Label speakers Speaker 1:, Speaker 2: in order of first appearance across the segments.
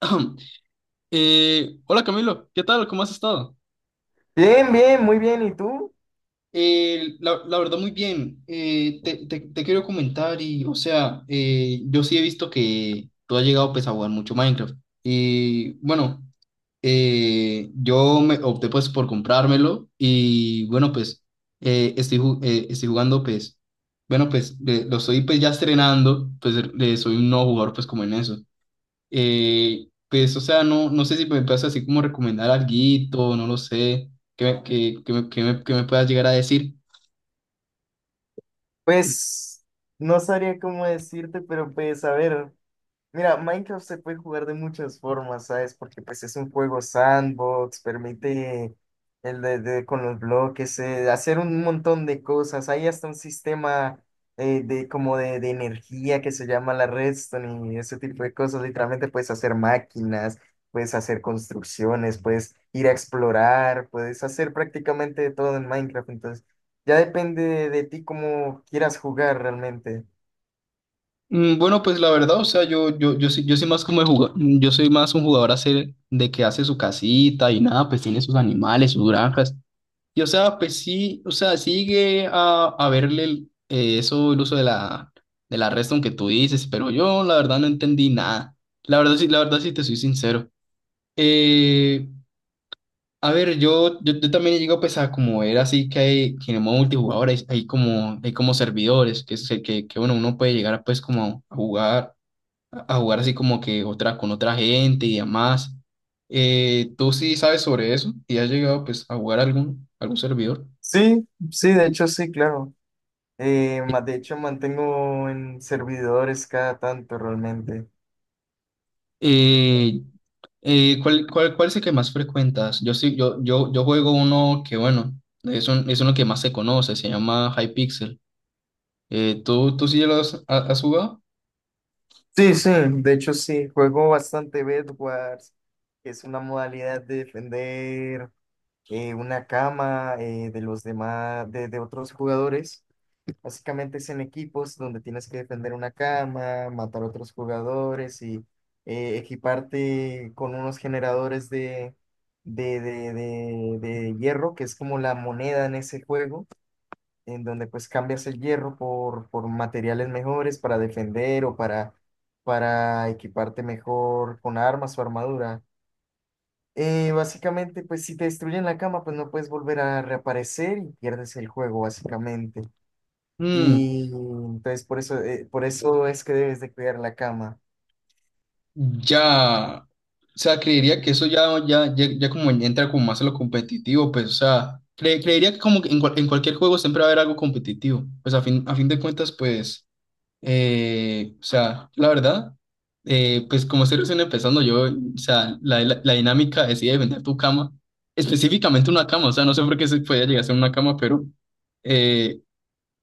Speaker 1: Hola Camilo, ¿qué tal? ¿Cómo has estado?
Speaker 2: Bien, bien, muy bien. ¿Y tú?
Speaker 1: La verdad, muy bien. Te quiero comentar yo sí he visto que tú has llegado, pues, a jugar mucho Minecraft. Y bueno, yo me opté, pues, por comprármelo y bueno, pues, estoy jugando, pues, bueno, lo estoy, pues, ya estrenando. Soy un nuevo jugador, pues, como en eso. O sea, no sé si me puedes así como recomendar alguito, no lo sé, que me puedas llegar a decir.
Speaker 2: Pues no sabría cómo decirte, pero pues a ver, mira, Minecraft se puede jugar de muchas formas, ¿sabes? Porque pues es un juego sandbox, permite el con los bloques, hacer un montón de cosas. Hay hasta un sistema de como de energía que se llama la redstone y ese tipo de cosas. Literalmente puedes hacer máquinas, puedes hacer construcciones, puedes ir a explorar, puedes hacer prácticamente de todo en Minecraft. Entonces, ya depende de ti cómo quieras jugar realmente.
Speaker 1: Mm, bueno, pues la verdad, o sea, yo soy más como de jugador, yo soy más un jugador hacer de que hace su casita y nada, pues tiene sus animales, sus granjas. Y o sea, pues sí, o sea, sigue a verle eso, el uso de la redstone que tú dices, pero yo la verdad no entendí nada. La verdad sí te soy sincero. Eh, A ver, yo también llego pues a como era así que hay que en el modo multijugador hay, hay como servidores que bueno uno puede llegar a, pues como a jugar así como que otra con otra gente y demás. ¿Tú sí sabes sobre eso? ¿Y has llegado pues a jugar algún algún servidor?
Speaker 2: Sí, sí, de hecho sí, claro. De hecho, mantengo en servidores cada tanto realmente.
Speaker 1: Eh, Cuál es el que más frecuentas? Yo sí, yo juego uno que bueno es uno que más se conoce, se llama Hypixel. ¿ Tú sí lo has jugado?
Speaker 2: Sí, sí, de hecho sí, juego bastante bed wars, que es una modalidad de defender una cama, de los demás, de otros jugadores. Básicamente es en equipos donde tienes que defender una cama, matar a otros jugadores y equiparte con unos generadores de hierro, que es como la moneda en ese juego, en donde pues cambias el hierro por materiales mejores para defender o para equiparte mejor con armas o armadura. Básicamente, pues si te destruyen la cama, pues no puedes volver a reaparecer y pierdes el juego, básicamente. Y entonces por eso es que debes de cuidar la cama.
Speaker 1: Ya, o sea, creería que eso ya, ya como entra como más a lo competitivo, pues, o sea, creería que como que en, en cualquier juego siempre va a haber algo competitivo, pues a fin de cuentas, pues, o sea, la verdad, pues como estoy recién empezando, yo, o sea, la dinámica de si vender tu cama, específicamente una cama, o sea, no sé por qué se podía llegar a ser una cama, pero... eh,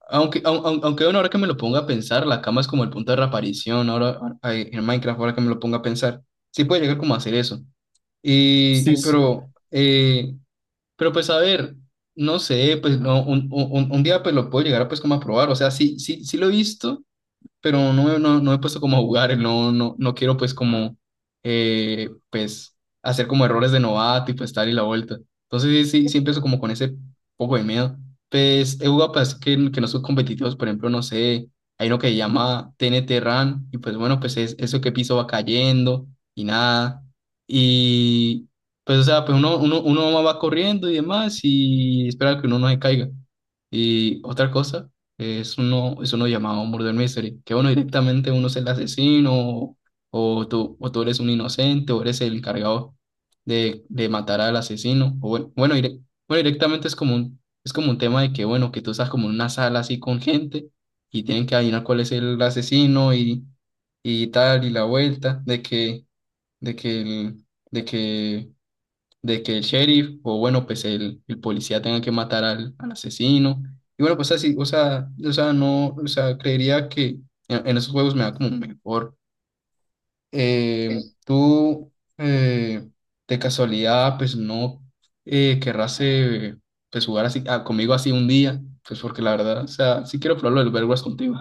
Speaker 1: aunque, aunque bueno, ahora que me lo ponga a pensar, la cama es como el punto de reaparición ahora en Minecraft, ahora que me lo ponga a pensar. Sí puede llegar como a hacer eso. Y,
Speaker 2: Sí, sí.
Speaker 1: pero pues a ver, no sé, pues no, un día pues lo puedo llegar a, pues como a probar. O sea, sí, sí, sí lo he visto pero no, no, no me he puesto como a jugar, no, no, no quiero pues como, pues, hacer como errores de novato y pues tal y la vuelta. Entonces sí, sí, sí empiezo como con ese poco de miedo. Pues he jugado pues que no son competitivos, por ejemplo, no sé, hay uno que se llama T N T Run y pues bueno, pues es eso que piso va cayendo y nada. Y pues o sea, pues uno va corriendo y demás y espera que uno no se caiga. Y otra cosa. Es uno llamado Murder Mystery, que uno directamente uno es el asesino o, o tú eres un inocente o eres el encargado de matar al asesino. O bueno, bueno, directamente es como un tema de que, bueno, que tú estás como en una sala así con gente y tienen que adivinar cuál es el asesino y tal y la vuelta de que, de que, el- de que de que el sheriff o bueno, pues el policía tenga que matar al, al asesino. Y bueno, pues así, o sea, no, o sea, creería que en esos juegos me da como mejor. Tú, eh, de casualidad, pues no querrás pues, jugar así, ah, conmigo así un día, pues porque la verdad, o sea, sí quiero probarlo del Overwatch contigo.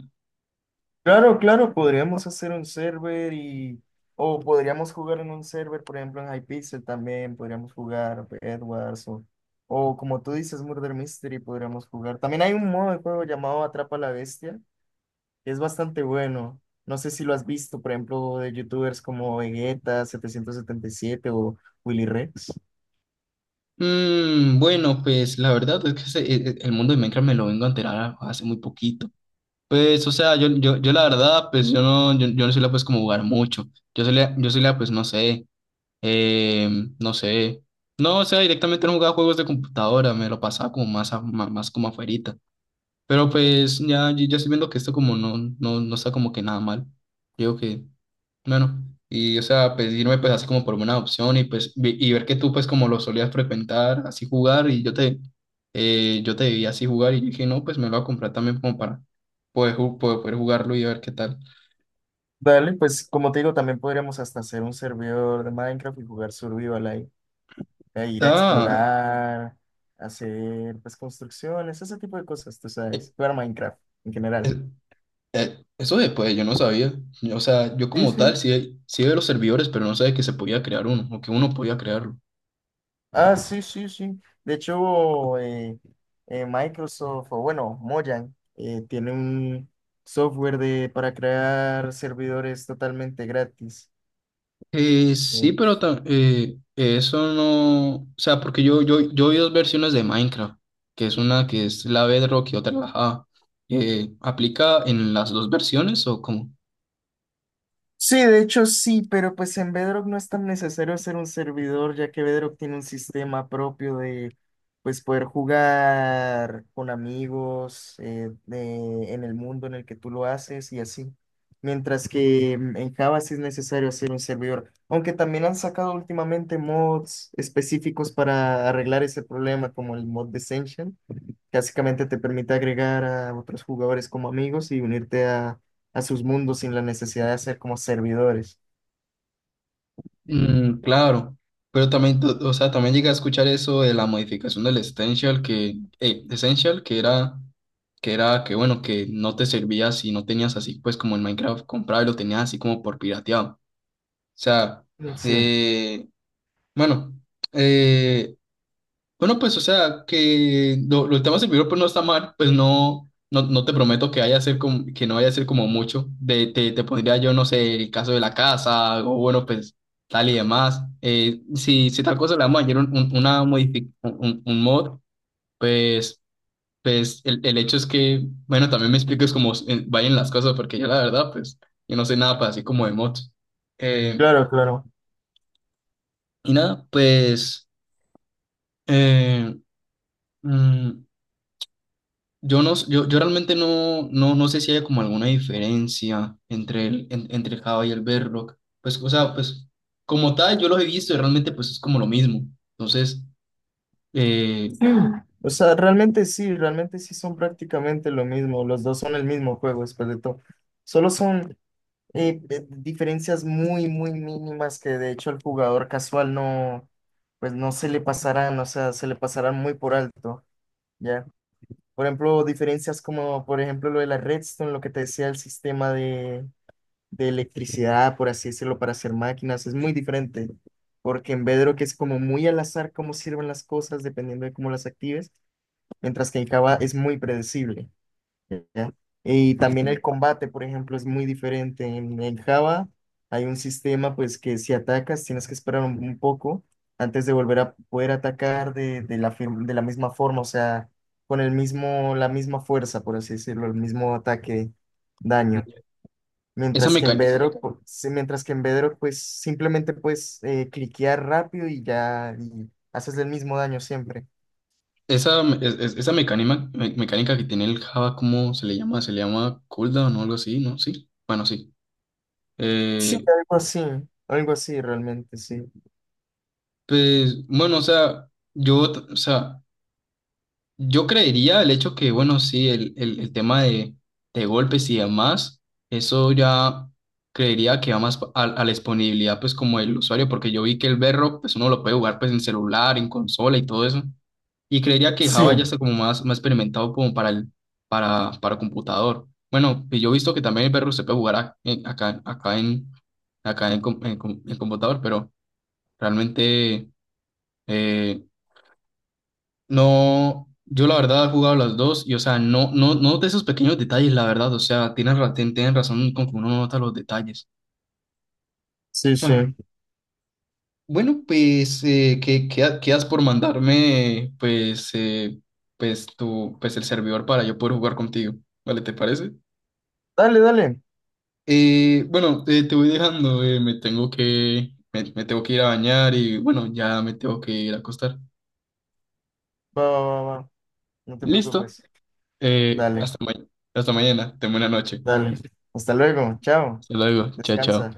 Speaker 2: Claro, claro, podríamos hacer un server y... O podríamos jugar en un server, por ejemplo, en Hypixel también, podríamos jugar Edwards o como tú dices, Murder Mystery, podríamos jugar. También hay un modo de juego llamado Atrapa a la Bestia, que es bastante bueno. No sé si lo has visto, por ejemplo, de youtubers como Vegeta 777 o Willy Rex.
Speaker 1: Mm, bueno, pues la verdad es que el mundo de Minecraft me lo vengo a enterar hace muy poquito. Pues, o sea, yo la verdad, pues yo no, yo no suelo pues como jugar mucho. Yo solía pues no sé, eh, no sé. No, o sea, directamente no jugaba juegos de computadora, me lo pasaba como más, más, como afuerita. Pero pues ya, yo estoy viendo que esto como no, no, no está como que nada mal. Digo que bueno, y o sea, pedirme pues así como por una opción y pues y ver que tú pues como lo solías frecuentar, así jugar y yo te vi así jugar y dije, no, pues me lo voy a comprar también como para poder jugarlo y ver qué tal.
Speaker 2: Dale, pues como te digo, también podríamos hasta hacer un servidor de Minecraft y jugar Survival ahí, a ir a
Speaker 1: Ah,
Speaker 2: explorar, hacer pues construcciones, ese tipo de cosas, tú
Speaker 1: eh,
Speaker 2: sabes, jugar Minecraft en
Speaker 1: eh,
Speaker 2: general.
Speaker 1: eso después yo no sabía. O sea, yo
Speaker 2: Sí,
Speaker 1: como tal
Speaker 2: sí.
Speaker 1: sí, sí veo los servidores, pero no sabía que se podía crear uno o que uno podía crearlo.
Speaker 2: Ah, sí, sí, sí. De hecho, Microsoft, o bueno, Mojang, tiene un software de, para crear servidores totalmente gratis.
Speaker 1: Sí,
Speaker 2: ¿No?
Speaker 1: pero eso no, o sea, porque yo vi dos versiones de Minecraft, que es una que es la Bedrock y otra la Java. ¿Aplica en las dos versiones o cómo?
Speaker 2: Sí, de hecho sí, pero pues en Bedrock no es tan necesario hacer un servidor, ya que Bedrock tiene un sistema propio de pues poder jugar con amigos, en el mundo en el que tú lo haces y así. Mientras que en Java sí es necesario hacer un servidor, aunque también han sacado últimamente mods específicos para arreglar ese problema, como el mod de... Básicamente te permite agregar a otros jugadores como amigos y unirte a sus mundos sin la necesidad de ser como servidores.
Speaker 1: Mm, claro, pero también, o sea, también llegué a escuchar eso de la modificación del Essential, que, Essential, que era, que bueno, que no te servía si no tenías así, pues como en Minecraft comprado y lo tenías así como por pirateado. O sea,
Speaker 2: Sí,
Speaker 1: de, bueno, eh, bueno, pues, o sea, que lo estamos en vivo, pues no está mal, pues no, no, no te prometo que vaya a ser como, que no vaya a ser como mucho. De, te pondría yo, no sé, el caso de la casa, o bueno, pues tal y demás. Si, si tal cosa le vamos a añadir un- una modifi- un mod, pues, pues el hecho es que, bueno, también me expliques cómo vayan las cosas, porque yo la verdad, pues, yo no sé nada para así como de mods. Eh,
Speaker 2: claro, claro.
Speaker 1: y nada, pues, eh, mm, yo, no, yo realmente no, no, no sé si hay como alguna diferencia entre entre el Java y el Bedrock. Pues, o sea, pues como tal, yo los he visto y realmente pues es como lo mismo. Entonces, eh,
Speaker 2: O sea, realmente sí son prácticamente lo mismo. Los dos son el mismo juego después de todo. Solo son diferencias muy, muy mínimas que de hecho el jugador casual no, pues no se le pasarán, o sea, se le pasarán muy por alto, ¿ya? Por ejemplo, diferencias como, por ejemplo, lo de la redstone, lo que te decía, el sistema de electricidad, por así decirlo, para hacer máquinas, es muy diferente, porque en Bedrock que es como muy al azar cómo sirven las cosas dependiendo de cómo las actives, mientras que en Java es muy predecible, ¿ya? Y también
Speaker 1: ujú.
Speaker 2: el combate, por ejemplo, es muy diferente. En Java hay un sistema pues que si atacas tienes que esperar un poco antes de volver a poder atacar de la misma forma, o sea, con el mismo, la misma fuerza, por así decirlo, el mismo ataque, daño.
Speaker 1: Esa,
Speaker 2: Mientras que en
Speaker 1: meca-
Speaker 2: Bedrock, pu- sí, mientras que en Bedrock, pues simplemente puedes cliquear rápido y ya y haces el mismo daño siempre.
Speaker 1: esa, me- es- Esa mecánica, mecánica que tiene el Java, ¿cómo se le llama? Se le llama cooldown o algo así, ¿no? Sí. Bueno, sí.
Speaker 2: Sí,
Speaker 1: Eh,
Speaker 2: algo así realmente, sí.
Speaker 1: pues, bueno, o sea, yo, t- o sea, yo creería el hecho que, bueno, sí, el tema de golpes y demás, eso ya creería que va más a la disponibilidad, pues, como del usuario, porque yo vi que el Berro, pues, uno lo puede jugar, pues, en celular, en consola y todo eso, y creería que
Speaker 2: Sí,
Speaker 1: Java ya está como más, más experimentado como para el, para computador. Bueno, y yo he visto que también el Berro se puede jugar acá, en computador, pero realmente... eh, no, yo la verdad he jugado las dos y, o sea, no, no, no de esos pequeños detalles, la verdad, o sea, tienen, tienen razón con que uno no nota los detalles.
Speaker 2: sí,
Speaker 1: Ah,
Speaker 2: sí.
Speaker 1: bueno, pues, ¿ qué has por mandarme, pues, pues, tu, pues, el servidor para yo poder jugar contigo? ¿Vale, te parece?
Speaker 2: Dale, dale.
Speaker 1: Bueno, te voy dejando, me me tengo que ir a bañar y, bueno, ya me tengo que ir a acostar.
Speaker 2: Va, va, va, va. No te
Speaker 1: Listo,
Speaker 2: preocupes.
Speaker 1: eh,
Speaker 2: Dale,
Speaker 1: hasta mañana, hasta mañana, ten buena noche.
Speaker 2: dale. Hasta luego. Chao.
Speaker 1: Hasta luego, chao,
Speaker 2: Descansa.
Speaker 1: chao.